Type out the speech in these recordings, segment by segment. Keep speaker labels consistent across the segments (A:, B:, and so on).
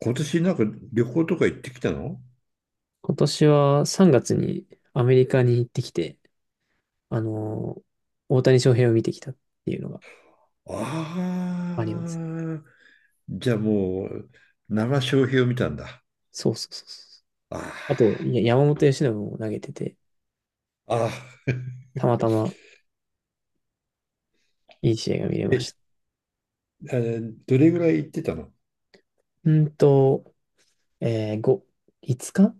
A: 今年なんか旅行とか行ってきたの？
B: 今年は3月にアメリカに行ってきて、あのー大谷翔平を見てきたっていうのがあります。
A: ああ、じゃあもう、生消費を見たんだ。
B: そうそうそうそ
A: あ
B: う。あと、いや、山本由伸も投げてて、
A: あ。あ
B: たまたまいい試合が見
A: ー
B: れま
A: え、
B: した。
A: あのどれぐらい行ってたの？
B: うんと、えー、5、5日間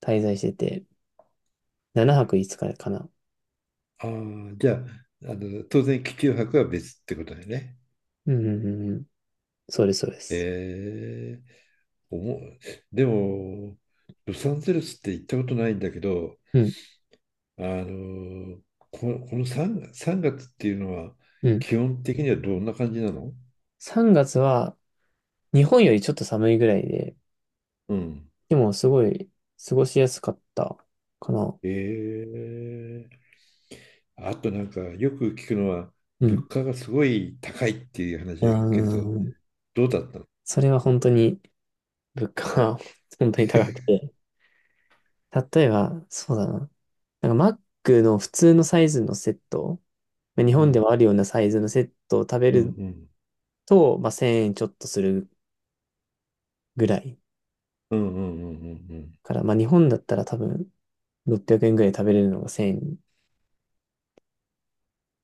B: 滞在してて、7泊5日かな。
A: ああ、じゃあ、当然、気球博は別ってことだよね。
B: うんうんうんうん。そうです、そうです。
A: えー、おも、でも、ロサンゼルスって行ったことないんだけど、
B: うん、
A: あの、こ、この 3, 3月っていうのは、
B: うん。
A: 基本的にはどんな感じなの？
B: 3月は日本よりちょっと寒いぐらいで、
A: うん。
B: でもすごい過ごしやすかったかな。
A: えーあとなんかよく聞くのは、
B: うん。
A: 物価がすごい高いっていう話
B: うー
A: が聞けると、
B: ん。
A: どうだったの？
B: それは本当に物価は 本当に高くて。例えば、そうだな。なんかマックの普通のサイズのセット、まあ日
A: う
B: 本で
A: ん。
B: もあるようなサイズのセットを食べ
A: うん。う
B: る
A: ん。
B: と、まあ、1000円ちょっとするぐらい。
A: うん。うん。うん。うん。うん。
B: から、まあ、日本だったら多分600円ぐらいで食べれるのが1000円。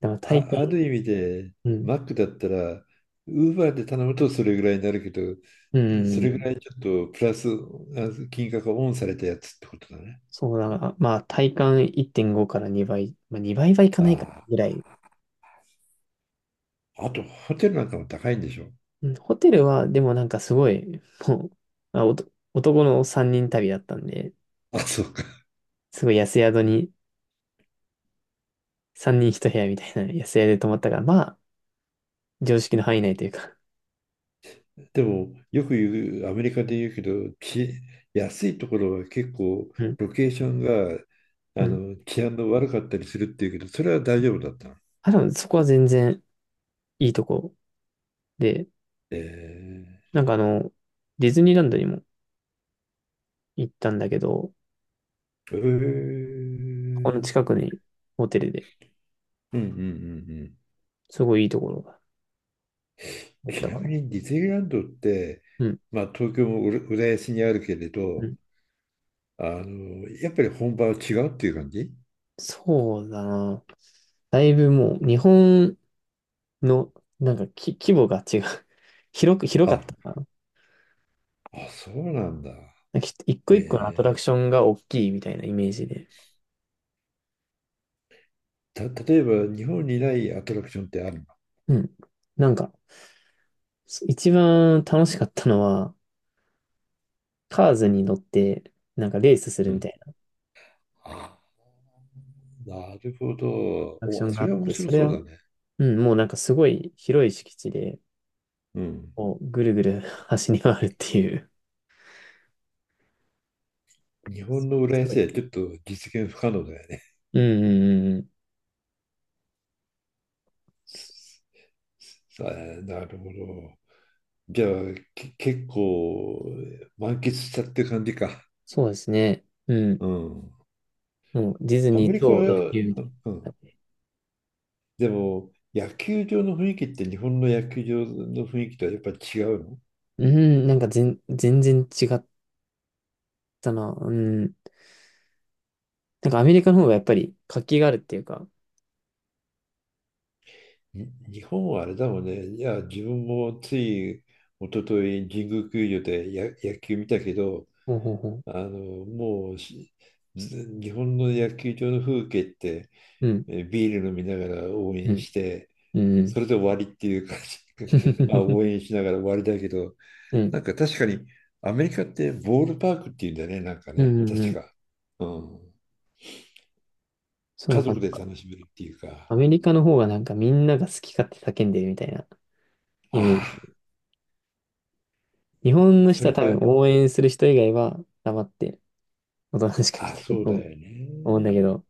B: だから体
A: あ、
B: 感、
A: ある意味で、
B: うん、
A: マックだったらウーバーで頼むとそれぐらいになるけど、
B: う
A: それぐ
B: ん、
A: らいちょっとプラス金額がオンされたやつってことだね。
B: そうだな。まあ体感1.5から2倍、まあ、2倍はいかないかな
A: あ
B: ぐらい。
A: あ、あとホテルなんかも高いんでしょ？
B: うん、ホテルはでもなんかすごい、もう、あおと男の3人旅だったんで、
A: あ、そう。
B: すごい安宿に3人1部屋みたいな安宿で泊まったから、まあ、常識の範囲内というか。
A: でも、よく言う、アメリカで言うけど、安いところは結構
B: うん。
A: ロケーションが、
B: うん。
A: 治安の悪かったりするっていうけど、それは大丈夫だったの？
B: あ、でもそこは全然いいとこで、
A: え
B: なんかディズニーランドにも行ったんだけど、
A: ー、え
B: この
A: ー、
B: 近くにホテルで、
A: うん。うん。うん。うん。
B: すごいいいところがあっ
A: ち
B: た
A: な
B: かな。
A: みにディズニーランドって、
B: うん。
A: まあ、東京も浦安にあるけれ
B: う
A: ど、
B: ん。
A: やっぱり本場は違うっていう感じ？
B: そうだな。だいぶもう日本のなんか規模が違う。広かっ
A: あ、
B: たかな。
A: あ、そうなんだ。
B: なんか一個一個のアトラ
A: え
B: クションが大きいみたいなイメージで。
A: 例えば、日本にないアトラクションってあるの？
B: うん。なんか、一番楽しかったのは、カーズに乗って、なんかレースす
A: う
B: るみた
A: ん。
B: い
A: ああ、なるほど。
B: なアクショ
A: お、
B: ンが
A: そ
B: あ
A: れ
B: っ
A: は面
B: て、そ
A: 白
B: れ
A: そう
B: は、
A: だね。
B: うん、もうなんかすごい広い敷地で、
A: うん。
B: こう、ぐるぐる 走り回るっていう。
A: 日本の浦
B: すご
A: 安では
B: い。
A: ちょっと実現不可能だよね。
B: うんうんうんうん。
A: さあ、なるほど。じゃあ、結構満喫したってる感じか。
B: そうですね。うん。
A: うん。
B: もうディズ
A: ア
B: ニ
A: メ
B: ー
A: リカ
B: と野
A: は、
B: 球み
A: う
B: た
A: ん。
B: い
A: でも、野球場の雰囲気って日本の野球場の雰囲気とはやっぱ違うの？
B: な。うん、なんか全然違ったな。うん。なんかアメリカの方がやっぱり活気があるっていうか。
A: 日本はあれだもんね。いや、自分もつい一昨日神宮球場で野球見たけど、
B: ほうほうほ
A: あ
B: う。
A: の、もうしず日本の野球場の風景って、
B: うん、
A: ビール飲みながら応
B: う
A: 援
B: ん、
A: して、
B: うん。うん、
A: それで終わりっていう感じ。まあ応 援しながら終わりだけど、
B: うん、うん。
A: なんか確かにアメリカってボールパークっていうんだよね、なんか
B: う
A: ね、
B: んう
A: 確
B: ん、
A: か。うん。
B: そん
A: 家
B: な感
A: 族
B: じ
A: で
B: か。
A: 楽しめるっていう
B: ア
A: か。
B: メリカの方がなんかみんなが好き勝手叫んでるみたいなイメー
A: あ
B: ジ。日本
A: あ、
B: の
A: そ
B: 人は
A: れ
B: 多
A: が、
B: 分応援する人以外は黙っておとなしく見
A: あ、
B: てる
A: そう
B: と
A: だよ
B: 思うん
A: ね。
B: だけど、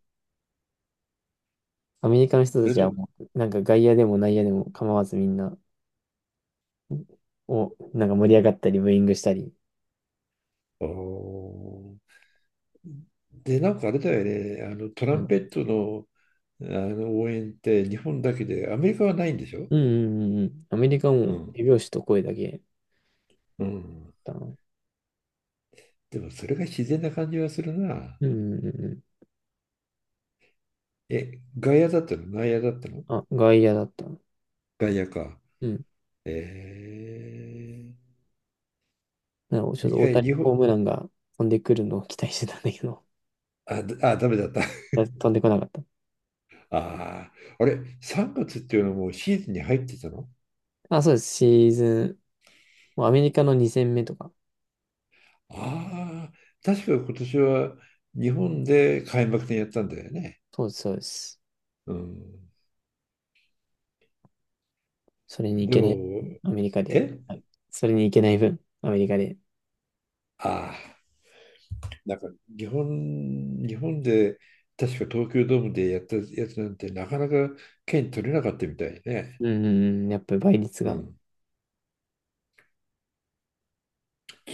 B: アメリカの人
A: そ
B: た
A: れ
B: ちは
A: と、
B: もうなんか外野でも内野でも構わずみんなをなんか盛り上がったりブーイングしたり。
A: あーで、なんかあれだよね、あのトラ
B: う
A: ン
B: ん、
A: ペットの、あの応援って日本だけで、アメリカはないんでしょ？
B: うんうんうんうん。アメリカ
A: う
B: も
A: ん。
B: 手拍子と声だけ
A: うん。
B: だな。
A: でもそれが自然な感じはするな。
B: うんうんうんうん。
A: え、外野だったの内野だったの？
B: あ、外野だったな。
A: 外野か。
B: うん。
A: え
B: なんかちょっ
A: い
B: と大
A: え、
B: 谷ホームランが飛んでくるのを期待してたんだけど、
A: あ、ダメだった。
B: 飛んでこなかった。
A: ああ、あれ、3月っていうのはもうシーズンに入ってたの？
B: あ、そうです。シーズンもうアメリカの2戦目とか。
A: ああ、確か今年は日本で開幕戦やったんだよね。
B: そうです、そうです。
A: うん。
B: それに行
A: で
B: けない、
A: も、
B: アメリカで。
A: え
B: はい。それに行けない分、アメリカで。
A: ああ、なんか日本で確か東京ドームでやったやつなんてなかなか券取れなかったみたいね。
B: うん、うんうん、やっぱり倍率
A: う
B: が。
A: ん。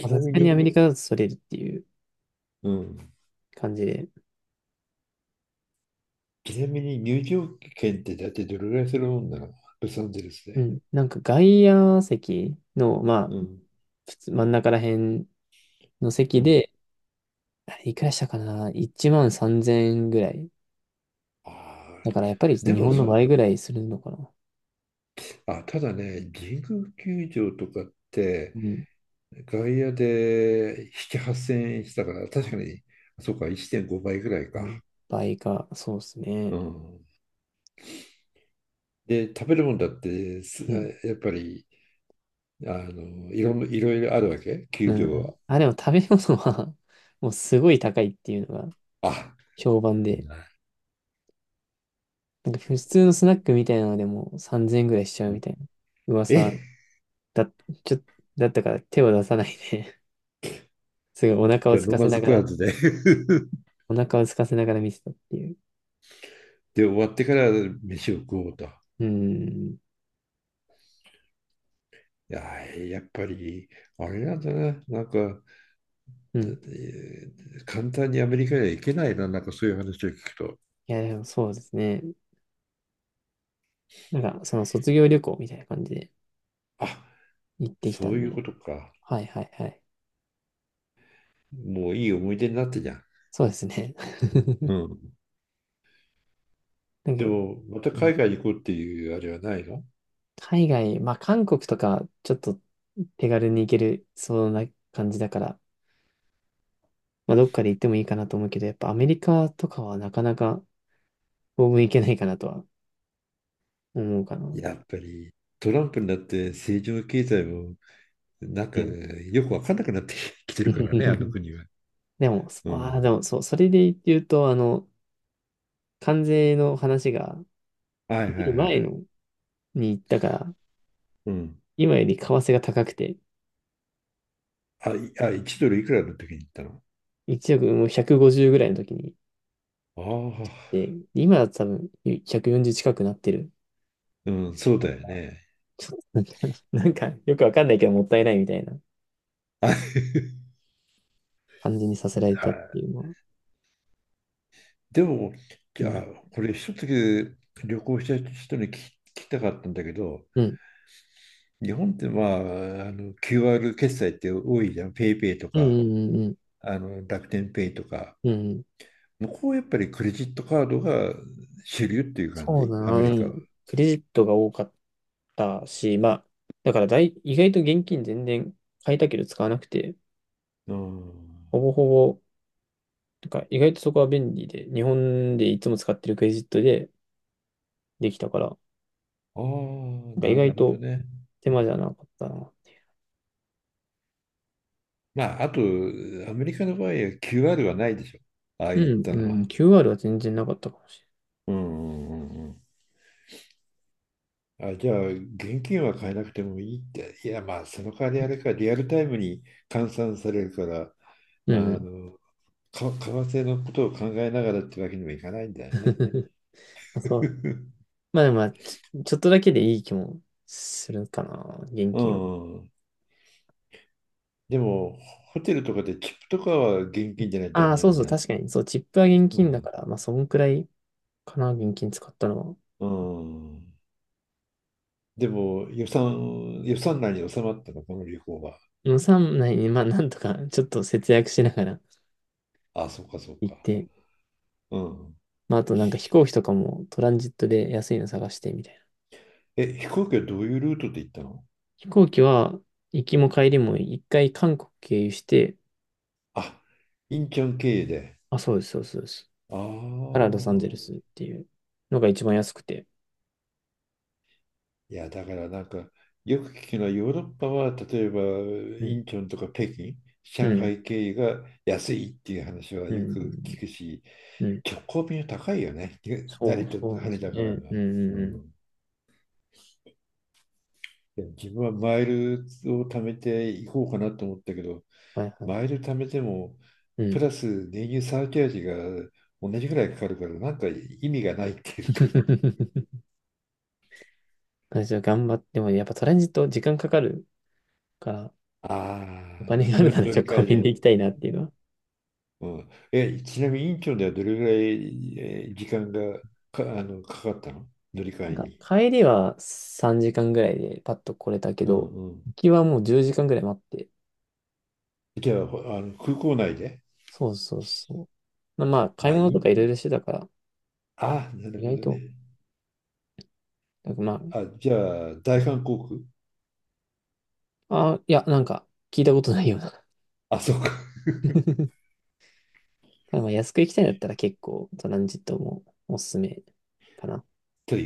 B: まあさ
A: な
B: す
A: み
B: がにア
A: に、
B: メリカだとそれるっていう
A: うん。
B: 感じで。
A: ちなみに入場券って、だってどれぐらいするもんなの、ロサンゼルス
B: う
A: で？
B: ん。なんか外野席の、まあ、
A: うん。
B: 普通真ん中ら辺の
A: う
B: 席
A: ん。
B: で、あれいくらしたかな？ 13,000円ぐらい。
A: あ
B: だ
A: あ、
B: からやっぱり
A: で
B: 日
A: も
B: 本の
A: そ、
B: 倍ぐらいするのかな。
A: あ、ただね、神宮球場とかって
B: うん。
A: 外野で7、8000円したから、
B: ま
A: 確かに、そうか、1.5倍ぐらい
B: あ、
A: か。
B: もう倍か、そうです
A: う
B: ね。
A: ん。で、食べるもんだって
B: うん
A: やっぱりいろいろあるわけ、球
B: うん
A: 場
B: うん。
A: は。
B: あ、でも食べ物は もうすごい高いっていうのが
A: あ、
B: 評判で、
A: な
B: なんか普通のスナックみたいなのでも3000円ぐらいしちゃうみたいな
A: え、
B: 噂だ、ちょ、だったから手を出さないで すごいお腹を
A: じゃあ
B: 空
A: 飲
B: かせ
A: まず
B: なが
A: 食わ
B: ら、
A: ずで。
B: お腹を空かせながら見てたっていう。
A: で、終わってから飯を食おうと。い
B: うん。
A: や、やっぱり、あれなんだな、なんか、
B: う
A: だ
B: ん。
A: えー簡単にアメリカには行けないな、なんかそういう話を聞くと。
B: いや、でもそうですね。なんかその卒業旅行みたいな感じで
A: あ、
B: 行ってきた
A: そう
B: ん
A: いう
B: で。
A: ことか。
B: はいはいはい。
A: もういい思い出になってじゃん。
B: そうですね。
A: うん。
B: な
A: で
B: んか、
A: も、また
B: うん、
A: 海外に行こうっていうあれはないの？
B: 海外、まあ韓国とかちょっと手軽に行けるそうな感じだから、まあどっかで行ってもいいかなと思うけど、やっぱアメリカとかはなかなか当分行けないかなとは思うかな。う
A: やっぱりトランプになって政治も経済もなんか
B: ん。
A: ねよく分かんなくなってき てるからね、あの 国は。
B: でも、そ
A: う
B: ああ、で
A: ん。
B: もそう、それで言うと、関税の話が
A: はい
B: 出
A: は
B: る
A: いは
B: 前
A: い。
B: のに行ったから、
A: うん。
B: 今より為替が高くて、
A: あ、1ドルいくらの時に言ったの？
B: 1億もう150ぐらいの時に行っ
A: あ
B: て、
A: あ、
B: 今は多分140近くなってる。
A: うん、そうだよね。
B: なんか、よくわかんないけどもったいないみたいな感じにさせられたって
A: あ、
B: いうのは。
A: でも、じ
B: う
A: ゃあ、
B: ん。
A: これ一つだけ旅行した人に聞きたかったんだけど、
B: うん。
A: 日本ってまあ、あの QR 決済って多いじゃん。ペイペイと
B: うん
A: か、
B: うんうんうん。
A: あの楽天ペイとか。
B: うんうん。
A: 向こうやっぱりクレジットカードが主流っていう感
B: そう
A: じ、
B: だ
A: ア
B: な。
A: メ
B: う
A: リカは。
B: ん。クレジットが多かったし、まあ、だからだい、意外と現金全然買えたけど使わなくて、
A: うん。
B: ほぼほぼ、なんか意外とそこは便利で、日本でいつも使ってるクレジットでできたから、な
A: ああ、
B: んか意
A: なる
B: 外
A: ほど
B: と
A: ね。
B: 手間じゃなかったな。
A: まあ、あと、アメリカの場合は QR はないでしょ。ああ
B: う
A: いっ
B: ん、
A: たの
B: うん、
A: は。
B: QR は全然なかったかもし
A: うん。うん。うん。うん。あ、じゃあ、現金は買えなくてもいいって。いや、まあ、その代わりあれか、リアルタイムに換算されるから、
B: れない。うん、
A: あ
B: う
A: の、為替のことを考えながらってわけにもいかないんだ
B: ん。
A: よね。
B: あ、そう。まあでもまあ、ちょっとだけでいい気もするかな、現
A: う
B: 金は。
A: ん。でも、ホテルとかでチップとかは現金じゃないとダ
B: ああ、
A: メな
B: そう
A: ん
B: そ
A: じ
B: う、
A: ゃない？
B: 確かに。そう、チップは現
A: う
B: 金だか
A: ん。
B: ら、まあ、そんくらいかな、現金使ったのは。
A: うん。でも、予算内に収まったの、この旅行は？
B: 予算内に、まあ、なんとか、ちょっと節約しながら
A: あ、そうか、そう
B: 行っ
A: か。
B: て、
A: うん。
B: まあ、あとなんか飛行機とかもトランジットで安いの探して、みたいな。
A: え、飛行機はどういうルートで行ったの？
B: 飛行機は、行きも帰りも一回韓国経由して、
A: あ、インチョン経由で。
B: あ、そうです、そうです、そうです。
A: あ
B: からロサンゼルス
A: あ。
B: っていうのが一番安くて。
A: いや、だからなんか、よく聞くのはヨーロッパは、例えば、
B: う
A: イ
B: ん、
A: ンチョンとか北京、
B: う
A: 上
B: ん、
A: 海経由が安いっていう話は
B: うん、う
A: よく聞く
B: ん。
A: し、
B: うん、
A: 結構便高いよね。
B: そ
A: 成
B: う、そう
A: 田、
B: なんで
A: 羽
B: すよ
A: 田から
B: ね。
A: が。
B: うん、う
A: う
B: ん、うん。
A: ん。いや自分はマイルを貯めていこうかなと思ったけど、
B: はい、はい。
A: マイル貯めても、
B: う
A: プ
B: ん。
A: ラス燃油サーチャージが同じぐらいかかるから、なんか意味がないっていうか。
B: 私は頑張っても、やっぱトランジット時間かかるから、
A: あ
B: お金
A: あ、
B: があるなら
A: 乗
B: ちょ
A: り
B: っと
A: 換
B: コン
A: え
B: ビニ
A: で、
B: で
A: ね。
B: 行きたいなっていうのは。
A: うん、え、ちなみにインチョンではどれぐらい時間がかかったの、乗り
B: な
A: 換
B: ん
A: え
B: か、
A: に？
B: 帰りは3時間ぐらいでパッと来れたけ
A: うん
B: ど、
A: うん。
B: 行きはもう10時間ぐらい待って。
A: じゃあ、あの空港内で。
B: そうそうそう。まあ、買
A: ま
B: い
A: あ、
B: 物とかいろいろしてたから、
A: ああ、なる
B: 意
A: ほ
B: 外
A: ど
B: と、
A: ね。
B: なんかま
A: あ、じゃあ、大韓航空。
B: あ、あ、いや、なんか、聞いたことないような。
A: あ、そうか。
B: ただまあ、安く行きたいんだったら結構、トランジットもおすすめかな。
A: という